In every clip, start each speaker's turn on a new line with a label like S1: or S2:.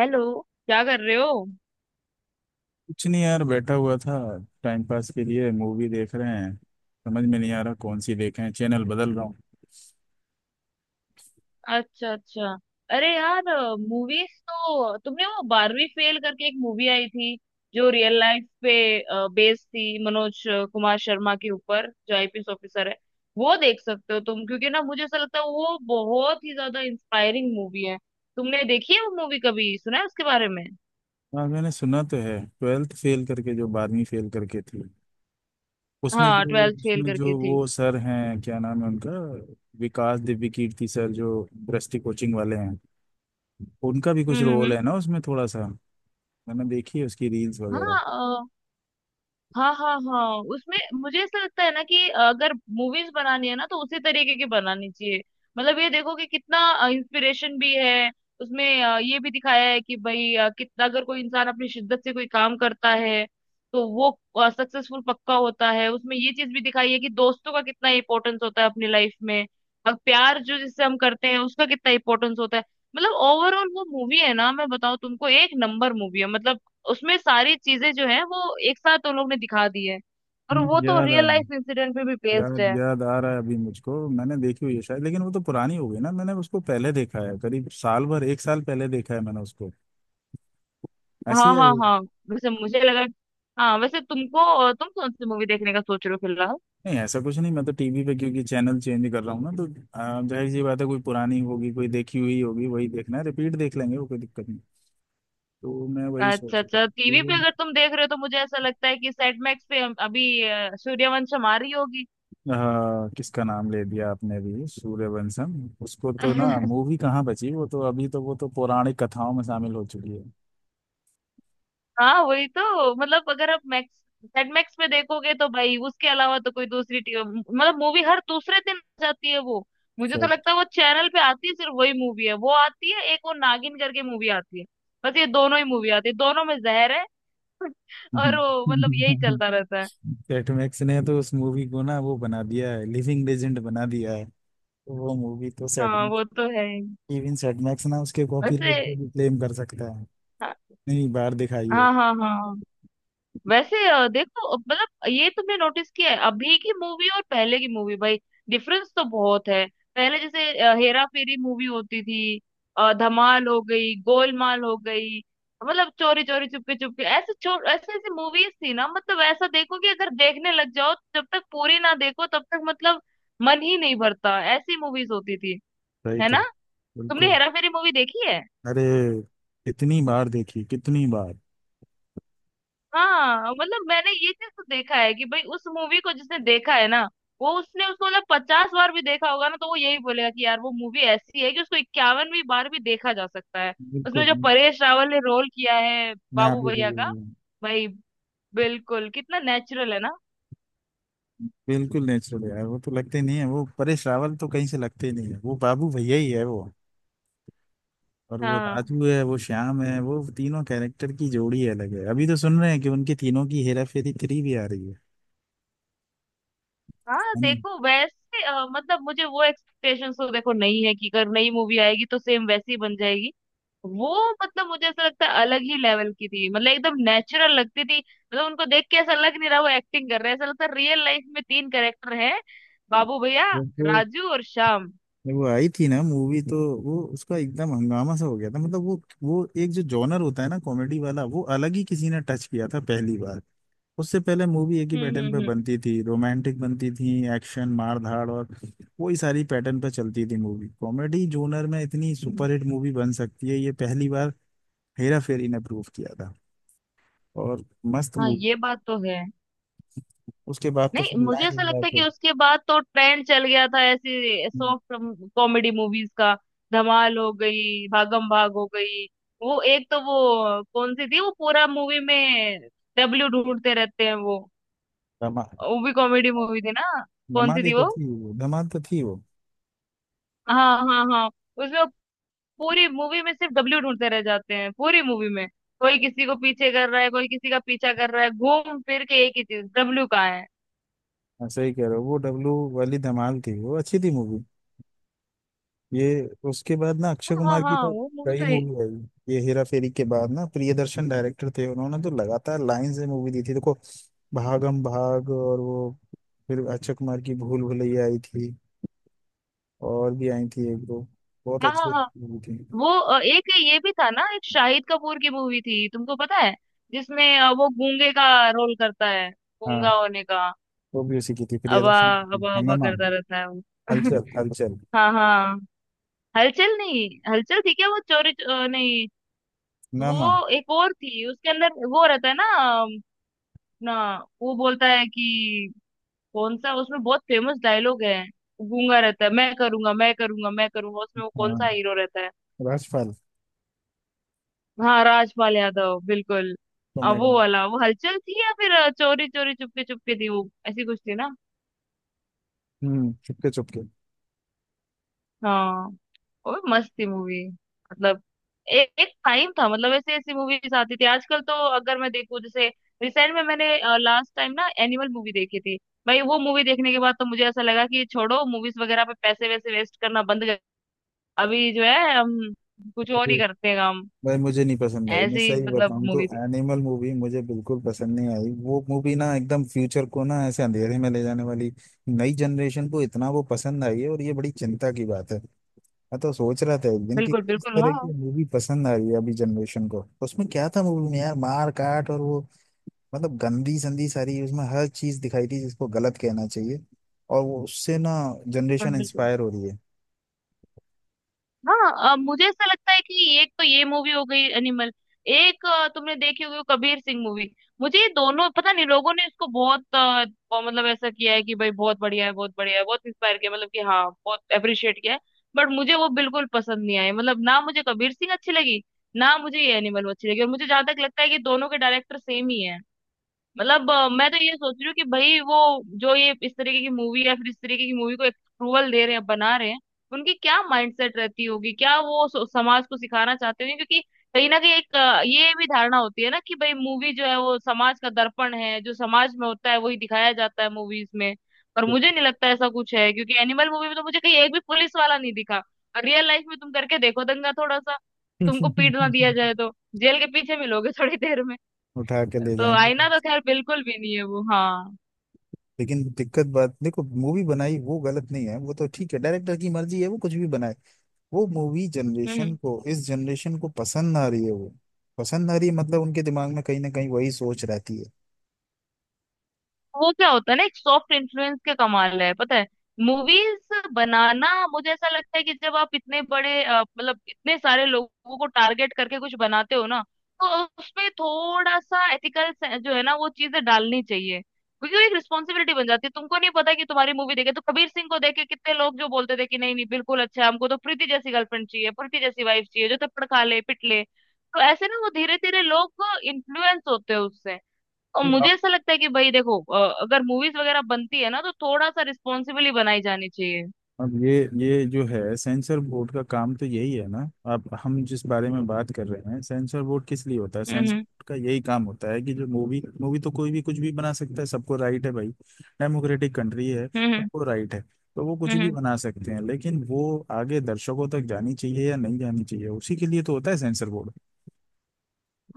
S1: Hello. क्या कर रहे हो?
S2: कुछ नहीं यार, बैठा हुआ था। टाइम पास के लिए मूवी देख रहे हैं। समझ में नहीं आ रहा कौन सी देखें, चैनल बदल रहा हूँ।
S1: अच्छा, अच्छा। अरे यार। मूवीज तो तुमने वो 12वीं फेल करके एक मूवी आई थी जो रियल लाइफ पे बेस्ड थी, मनोज कुमार शर्मा के ऊपर जो आईपीएस ऑफिसर है। वो देख सकते हो तुम, क्योंकि ना मुझे ऐसा लगता है वो बहुत ही ज्यादा इंस्पायरिंग मूवी है। तुमने देखी है वो मूवी? कभी सुना है उसके बारे में?
S2: हाँ, मैंने सुना तो है, ट्वेल्थ फेल करके, जो 12वीं फेल करके थी। उसमें
S1: हाँ,
S2: जो
S1: ट्वेल्थ फेल
S2: उसमें
S1: करके
S2: जो
S1: थी।
S2: वो सर हैं, क्या नाम है उनका? विकास दिव्य कीर्ति सर, जो दृष्टि कोचिंग वाले हैं, उनका भी
S1: हम्म,
S2: कुछ
S1: हम्म,
S2: रोल है ना उसमें, थोड़ा सा। मैंने देखी है उसकी रील्स वगैरह।
S1: हाँ, हाँ, हाँ। हाँ, उसमें मुझे ऐसा लगता है ना कि अगर मूवीज बनानी है ना तो उसी तरीके की बनानी चाहिए। मतलब ये देखो कि कितना इंस्पिरेशन भी है उसमें। ये भी दिखाया है कि भाई, कितना अगर कोई इंसान अपनी शिद्दत से कोई काम करता है तो वो सक्सेसफुल पक्का होता है। उसमें ये चीज भी दिखाई है कि दोस्तों का कितना इंपॉर्टेंस होता है अपनी लाइफ में, और प्यार जो जिससे हम करते हैं उसका कितना इंपॉर्टेंस होता है। मतलब ओवरऑल वो मूवी है ना, मैं बताऊं तुमको, एक नंबर मूवी है। मतलब उसमें सारी चीजें जो है वो एक साथ उन लोग ने दिखा दी है, और वो
S2: हम्म,
S1: तो
S2: याद आ
S1: रियल लाइफ इंसिडेंट पे भी बेस्ड
S2: याद
S1: है।
S2: याद आ रहा है अभी मुझको। मैंने देखी हुई है शायद, लेकिन वो तो पुरानी हो गई ना। मैंने उसको पहले देखा है, करीब साल भर, एक साल पहले देखा है मैंने उसको। ऐसी ही
S1: हाँ,
S2: आई
S1: हाँ,
S2: हो।
S1: हाँ। वैसे मुझे लगा, हाँ। वैसे तुम कौन सी मूवी देखने का सोच रहे हो फिलहाल?
S2: नहीं, ऐसा कुछ नहीं। मैं तो टीवी पे, क्योंकि चैनल चेंज कर रहा हूँ ना तो जाहिर सी बात है, कोई पुरानी होगी कोई देखी हुई होगी, वही देखना है, रिपीट देख लेंगे वो, कोई दिक्कत नहीं। तो मैं वही
S1: अच्छा,
S2: सोच रहा था
S1: अच्छा। टीवी पे
S2: तो।
S1: अगर तुम देख रहे हो तो मुझे ऐसा लगता है कि सेट मैक्स पे अभी सूर्यवंशम आ रही होगी।
S2: किसका नाम ले दिया आपने भी, सूर्यवंशम! उसको तो ना, मूवी कहाँ बची वो तो, अभी तो वो तो पौराणिक कथाओं में शामिल हो चुकी है।
S1: हाँ, वही तो। मतलब अगर आप मैक्स सेट मैक्स पे देखोगे तो भाई उसके अलावा तो कोई दूसरी मतलब मूवी हर दूसरे दिन आ जाती है वो। मुझे तो
S2: सेट
S1: लगता है वो चैनल पे आती है, सिर्फ वही मूवी है वो आती है, एक वो नागिन करके मूवी आती है। बस ये दोनों ही मूवी आती है, दोनों में जहर है। और वो, मतलब यही चलता रहता है।
S2: सेट मैक्स ने तो उस मूवी को ना, वो बना दिया है, लिविंग लेजेंड बना दिया है। तो वो मूवी तो सेट
S1: हाँ,
S2: मैक्स
S1: वो तो है ही।
S2: इवन सेट मैक्स ना उसके
S1: वैसे,
S2: कॉपीराइट को भी क्लेम कर सकता है।
S1: हाँ,
S2: नहीं, बार दिखाइए।
S1: हाँ, हाँ। हाँ वैसे, देखो, मतलब ये तुमने नोटिस किया है अभी की मूवी और पहले की मूवी, भाई डिफरेंस तो बहुत है। पहले जैसे हेरा फेरी मूवी होती थी, धमाल हो गई, गोलमाल हो गई, मतलब चोरी चोरी चुपके चुपके, ऐसे छो ऐसे ऐसे मूवीज थी ना। मतलब ऐसा देखो कि अगर देखने लग जाओ तो जब तक पूरी ना देखो तब तक, मतलब मन ही नहीं भरता, ऐसी मूवीज होती थी।
S2: सही
S1: है
S2: कह
S1: ना? तुमने
S2: बिल्कुल।
S1: हेरा फेरी मूवी देखी है?
S2: अरे, कितनी बार देखी, कितनी बार!
S1: हाँ, मतलब मैंने ये चीज तो देखा है कि भाई उस मूवी को जिसने देखा है ना, वो उसने उसको मतलब 50 बार भी देखा होगा, ना तो वो यही बोलेगा कि यार वो मूवी ऐसी है कि उसको 51वीं बार भी देखा जा सकता है। उसमें
S2: बिल्कुल,
S1: जो परेश रावल ने रोल किया है
S2: मैं
S1: बाबू
S2: भी
S1: भैया
S2: वही
S1: का,
S2: हूँ।
S1: भाई बिल्कुल कितना नेचुरल है ना।
S2: बिल्कुल नेचुरल यार, वो तो लगते नहीं है वो, परेश रावल तो कहीं से लगते नहीं है, वो बाबू भैया ही है वो। और वो
S1: हाँ,
S2: राजू है, वो श्याम है, वो तीनों कैरेक्टर की जोड़ी अलग है। अभी तो सुन रहे हैं कि उनके तीनों की हेरा फेरी थ्री भी आ रही है।
S1: हाँ,
S2: है नहीं?
S1: देखो वैसे, मतलब मुझे वो एक्सपेक्टेशंस तो देखो नहीं है कि अगर नई मूवी आएगी तो सेम वैसी बन जाएगी। वो, मतलब मुझे ऐसा लगता है अलग ही लेवल की थी, मतलब एकदम नेचुरल लगती थी, मतलब उनको देख के ऐसा लग नहीं रहा वो एक्टिंग कर रहे हैं, ऐसा लगता है रियल लाइफ में 3 कैरेक्टर हैं, बाबू भैया,
S2: जब वो
S1: राजू और श्याम।
S2: जब वो आई थी ना मूवी तो, वो उसका एकदम हंगामा सा हो गया था। मतलब वो एक जो जॉनर होता है ना, कॉमेडी वाला, वो अलग ही किसी ने टच किया था पहली बार। उससे पहले मूवी एक ही
S1: हम्म,
S2: पैटर्न पे
S1: हम्म,
S2: बनती थी, रोमांटिक बनती थी, एक्शन मार धाड़, और वही सारी पैटर्न पे चलती थी मूवी। कॉमेडी जोनर में इतनी
S1: हम्म।
S2: सुपरहिट मूवी बन सकती है, ये पहली बार हेरा फेरी ने प्रूव किया था। और मस्त
S1: हाँ
S2: मूवी।
S1: ये बात तो है।
S2: उसके बाद तो
S1: नहीं,
S2: फिर
S1: मुझे
S2: लाइन
S1: ऐसा
S2: लगा
S1: लगता है
S2: के
S1: कि उसके बाद तो ट्रेंड चल गया था ऐसी
S2: हम्म,
S1: सॉफ्ट कॉमेडी मूवीज का। धमाल हो गई, भागम भाग हो गई, वो एक तो वो कौन सी थी, वो पूरा मूवी में डब्ल्यू ढूंढते रहते हैं,
S2: धमा
S1: वो भी कॉमेडी मूवी थी ना? कौन
S2: धमाल
S1: सी
S2: ही
S1: थी
S2: तो
S1: वो?
S2: थी वो, धमाल तो थी वो।
S1: हाँ, हाँ, हाँ। उसमें वो पूरी मूवी में सिर्फ डब्ल्यू ढूंढते रह जाते हैं, पूरी मूवी में कोई किसी को पीछे कर रहा है, कोई किसी का पीछा कर रहा है, घूम फिर के एक ही चीज, डब्ल्यू कहाँ है।
S2: हाँ, सही कह रहे हो, वो डब्लू वाली धमाल थी, वो अच्छी थी मूवी। ये, उसके बाद ना अक्षय
S1: हाँ,
S2: कुमार की
S1: हाँ,
S2: तो
S1: वो मूवी
S2: कई
S1: तो है-
S2: मूवी आई ये हेरा फेरी के बाद ना, प्रियदर्शन डायरेक्टर थे, उन्होंने तो लगातार लाइन से मूवी दी थी देखो। भागम भाग, और वो, फिर अक्षय कुमार की भूल भुलैया आई थी। और भी आई थी एक दो, बहुत
S1: हाँ,
S2: अच्छी
S1: हाँ, हाँ।
S2: मूवी थी।
S1: वो एक ये भी था ना, एक शाहिद कपूर की मूवी थी, तुमको पता है? जिसमें वो गूंगे का रोल करता है, गूंगा
S2: हाँ,
S1: होने का।
S2: वो भी उसी की थी,
S1: अबा
S2: प्रियदर्शन की थी,
S1: अबा अबा
S2: हंगामा।
S1: करता रहता है वो।
S2: हलचल, हलचल,
S1: हाँ, हाँ। हलचल नहीं, हलचल थी क्या वो? चोरी, नहीं।
S2: हंगामा।
S1: वो एक और थी उसके अंदर वो रहता है ना। अम, ना वो बोलता है कि, कौन सा उसमें बहुत फेमस डायलॉग है, गूंगा रहता है, मैं करूंगा, मैं करूंगा, मैं करूंगा। उसमें वो कौन सा
S2: हाँ,
S1: हीरो रहता है?
S2: राजपाल,
S1: हाँ, राजपाल यादव, बिल्कुल।
S2: कॉमेडी।
S1: वो वाला, वो हलचल थी, या फिर चोरी चोरी चुपके चुपके थी वो, ऐसी कुछ थी ना।
S2: हम्म। चुपके चुपके।
S1: हाँ। और मस्त थी मूवी। मतलब एक टाइम था, मतलब ऐसे, ऐसी मूवीज आती थी। आजकल तो अगर मैं देखूं, जैसे रिसेंट में मैंने लास्ट टाइम ना एनिमल मूवी देखी थी, भाई वो मूवी देखने के बाद तो मुझे ऐसा लगा कि छोड़ो मूवीज वगैरह पे पैसे वैसे वेस्ट करना बंद कर, अभी जो है हम कुछ और ही करते हैं काम।
S2: भाई मुझे नहीं पसंद आई, मैं
S1: ऐसी,
S2: सही
S1: मतलब,
S2: बताऊं तो
S1: मूवी थी।
S2: एनिमल मूवी मुझे बिल्कुल पसंद नहीं आई। वो मूवी ना एकदम फ्यूचर को ना ऐसे अंधेरे में ले जाने वाली। नई जनरेशन को इतना वो पसंद आई है, और ये बड़ी चिंता की बात है। मैं तो सोच रहा था एक दिन कि
S1: बिल्कुल,
S2: किस
S1: बिल्कुल,
S2: तरह
S1: हाँ।
S2: की मूवी पसंद आ रही है अभी जनरेशन को, तो उसमें क्या था मूवी में यार, मार काट और वो, मतलब गंदी संदी सारी, उसमें हर चीज दिखाई थी जिसको गलत कहना चाहिए। और वो उससे ना जनरेशन
S1: बिल्कुल, बिल्कुल,
S2: इंस्पायर हो रही है।
S1: हाँ। मुझे ऐसा लगता है कि एक तो ये मूवी हो गई एनिमल, एक तुमने देखी होगी वो कबीर सिंह मूवी। मुझे ये दोनों, पता नहीं लोगों ने इसको बहुत मतलब ऐसा किया है कि भाई बहुत बढ़िया है, बहुत बढ़िया है, बहुत इंस्पायर किया, मतलब कि हाँ, बहुत अप्रिशिएट किया है। बट मुझे वो बिल्कुल पसंद नहीं आई, मतलब ना मुझे कबीर सिंह अच्छी लगी, ना मुझे ये एनिमल अच्छी लगी, और मुझे जहां तक लगता है कि दोनों के डायरेक्टर सेम ही है। मतलब मैं तो ये सोच रही हूँ कि भाई वो जो ये इस तरीके की मूवी, या फिर इस तरीके की मूवी को अप्रूवल दे रहे हैं, बना रहे हैं, उनकी क्या माइंडसेट रहती होगी, क्या वो समाज को सिखाना चाहते होंगे? क्योंकि कहीं ना कहीं एक ये भी धारणा होती है ना कि भाई मूवी जो है वो समाज का दर्पण है, जो समाज में होता है वही दिखाया जाता है मूवीज में। पर मुझे नहीं लगता ऐसा कुछ है, क्योंकि एनिमल मूवी में तो मुझे कहीं एक भी पुलिस वाला नहीं दिखा। और रियल लाइफ में तुम करके देखो दंगा थोड़ा सा, तुमको पीट ना दिया जाए तो, जेल के पीछे मिलोगे थोड़ी देर में।
S2: उठा के ले
S1: तो
S2: जाएंगे।
S1: आईना तो खैर बिल्कुल भी नहीं है वो। हाँ।
S2: लेकिन दिक्कत बात देखो, मूवी बनाई वो गलत नहीं है, वो तो ठीक है, डायरेक्टर की मर्जी है वो कुछ भी बनाए। वो मूवी जनरेशन
S1: हम्म।
S2: को इस जनरेशन को पसंद ना आ रही है, वो पसंद ना आ रही है, मतलब उनके दिमाग में कहीं ना कहीं वही सोच रहती
S1: वो क्या होता है ना, एक सॉफ्ट इन्फ्लुएंस के कमाल है, पता है? मूवीज बनाना, मुझे ऐसा लगता है कि जब आप इतने बड़े, मतलब इतने सारे लोगों को टारगेट करके कुछ बनाते हो ना, तो उसमें थोड़ा सा एथिकल जो है ना वो चीजें डालनी चाहिए। क्योंकि वो एक रिस्पॉन्सिबिलिटी बन जाती है, तुमको नहीं पता कि तुम्हारी मूवी देखे, तो कबीर सिंह को देखे कितने लोग जो बोलते थे कि नहीं, नहीं, बिल्कुल अच्छा है, हमको तो प्रीति जैसी गर्लफ्रेंड चाहिए, प्रीति जैसी वाइफ चाहिए, जो थप्पड़ खा ले, पिट ले। तो ऐसे ना वो धीरे धीरे लोग इन्फ्लुएंस होते हैं उससे। और
S2: है।
S1: मुझे ऐसा लगता है कि भाई देखो, अगर मूवीज वगैरह बनती है ना तो थोड़ा सा रिस्पॉन्सिबली बनाई जानी चाहिए।
S2: अब ये जो है, सेंसर बोर्ड का काम तो यही है ना। आप हम जिस बारे में बात कर रहे हैं, सेंसर बोर्ड किस लिए होता है? सेंसर
S1: हम्म,
S2: बोर्ड का यही काम होता है कि जो मूवी, मूवी तो कोई भी कुछ भी बना सकता है, सबको राइट है भाई। डेमोक्रेटिक कंट्री है,
S1: हम्म, हम्म,
S2: सबको राइट है। तो वो कुछ
S1: हम्म,
S2: भी बना सकते हैं, लेकिन वो आगे दर्शकों तक जानी चाहिए या नहीं जानी चाहिए, उसी के लिए तो होता है सेंसर बोर्ड।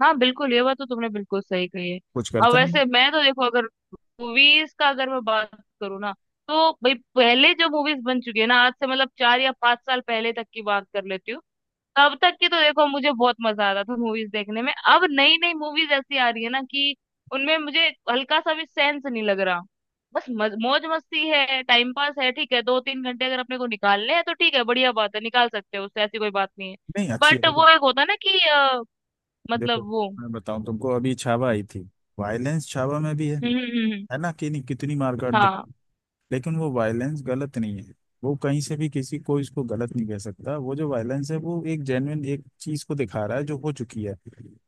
S1: हाँ बिल्कुल, ये बात तो तुमने बिल्कुल सही कही है।
S2: कुछ
S1: और
S2: करता नहीं।
S1: वैसे मैं तो देखो, अगर मूवीज का अगर मैं बात करूँ ना, तो भाई पहले जो मूवीज बन चुकी है ना, आज से मतलब 4 या 5 साल पहले तक की बात कर लेती हूँ। तब तक की तो देखो मुझे बहुत मजा आता था मूवीज देखने में, अब नई नई मूवीज ऐसी आ रही है ना कि उनमें मुझे हल्का सा भी सेंस नहीं लग रहा। बस मौज मस्ती है, टाइम पास है, ठीक है, 2-3 घंटे अगर अपने को निकालने हैं तो ठीक है, बढ़िया बात है, निकाल सकते हो, उससे ऐसी कोई बात नहीं है।
S2: नहीं, अच्छी है,
S1: बट
S2: देखो
S1: वो एक होता है ना कि,
S2: देखो,
S1: मतलब वो।
S2: मैं बताऊं तुमको, अभी छावा आई थी। वायलेंस छावा में भी है
S1: हम्म, हम्म,
S2: है ना कि नहीं, कितनी मार काट।
S1: हाँ,
S2: लेकिन वो वायलेंस गलत नहीं है, वो कहीं से भी किसी को इसको गलत नहीं कह सकता, वो जो वायलेंस है वो एक जेन्युइन एक चीज को दिखा रहा है जो हो चुकी है,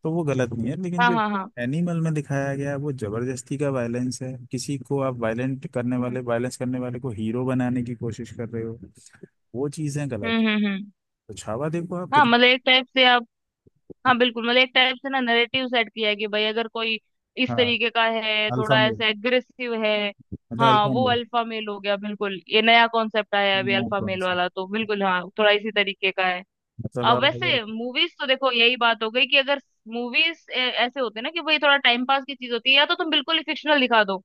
S2: तो वो गलत नहीं है। लेकिन
S1: हाँ,
S2: जो
S1: हाँ, हाँ,
S2: एनिमल में दिखाया गया है वो जबरदस्ती का वायलेंस है, किसी को आप वायलेंट करने
S1: हम्म,
S2: वाले वायलेंस करने वाले को हीरो बनाने की कोशिश कर रहे हो, वो चीजें गलत।
S1: हम्म, हम्म,
S2: तो छावा देखो आप
S1: हाँ
S2: कितना।
S1: मतलब एक टाइप से, हाँ बिल्कुल, मतलब एक टाइप से ना नैरेटिव सेट किया है कि भाई अगर कोई इस
S2: हाँ,
S1: तरीके का है,
S2: अल्फा
S1: थोड़ा
S2: मेल,
S1: ऐसा एग्रेसिव है।
S2: मतलब
S1: हाँ,
S2: अल्फा
S1: वो
S2: मेल।
S1: अल्फा मेल हो गया, बिल्कुल, ये नया कॉन्सेप्ट आया है अभी
S2: नो,
S1: अल्फा
S2: कौन
S1: मेल
S2: सा,
S1: वाला, तो बिल्कुल हाँ थोड़ा इसी तरीके का है।
S2: मतलब
S1: अब
S2: आप अगर,
S1: वैसे मूवीज तो देखो यही बात हो गई कि अगर मूवीज ऐसे होते हैं ना कि भाई थोड़ा टाइम पास की चीज होती है, या तो तुम बिल्कुल ही फिक्शनल दिखा दो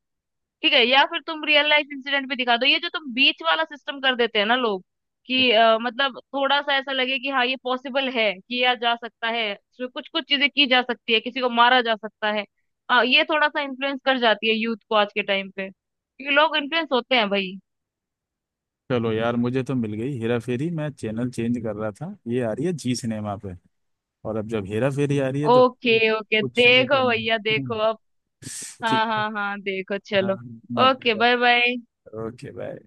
S1: ठीक है, या फिर तुम रियल लाइफ इंसिडेंट भी दिखा दो, ये जो तुम बीच वाला सिस्टम कर देते हैं ना लोग कि मतलब थोड़ा सा ऐसा लगे कि हाँ ये पॉसिबल है, किया जा सकता है, कुछ कुछ चीजें की जा सकती है, किसी को मारा जा सकता है, ये थोड़ा सा इन्फ्लुएंस कर जाती है यूथ को आज के टाइम पे, क्योंकि लोग इन्फ्लुएंस होते हैं भाई।
S2: चलो यार, मुझे तो मिल गई हेरा फेरी। मैं चैनल चेंज कर रहा था, ये आ रही है जी सिनेमा पे। और अब जब हेरा फेरी आ रही है तो
S1: ओके,
S2: फिर
S1: ओके,
S2: कुछ नहीं
S1: देखो
S2: करना।
S1: भैया देखो
S2: हम्म,
S1: अब, हाँ,
S2: ठीक है,
S1: हाँ, हाँ, देखो
S2: हाँ,
S1: चलो।
S2: मैं
S1: okay, bye bye.
S2: Okay bye.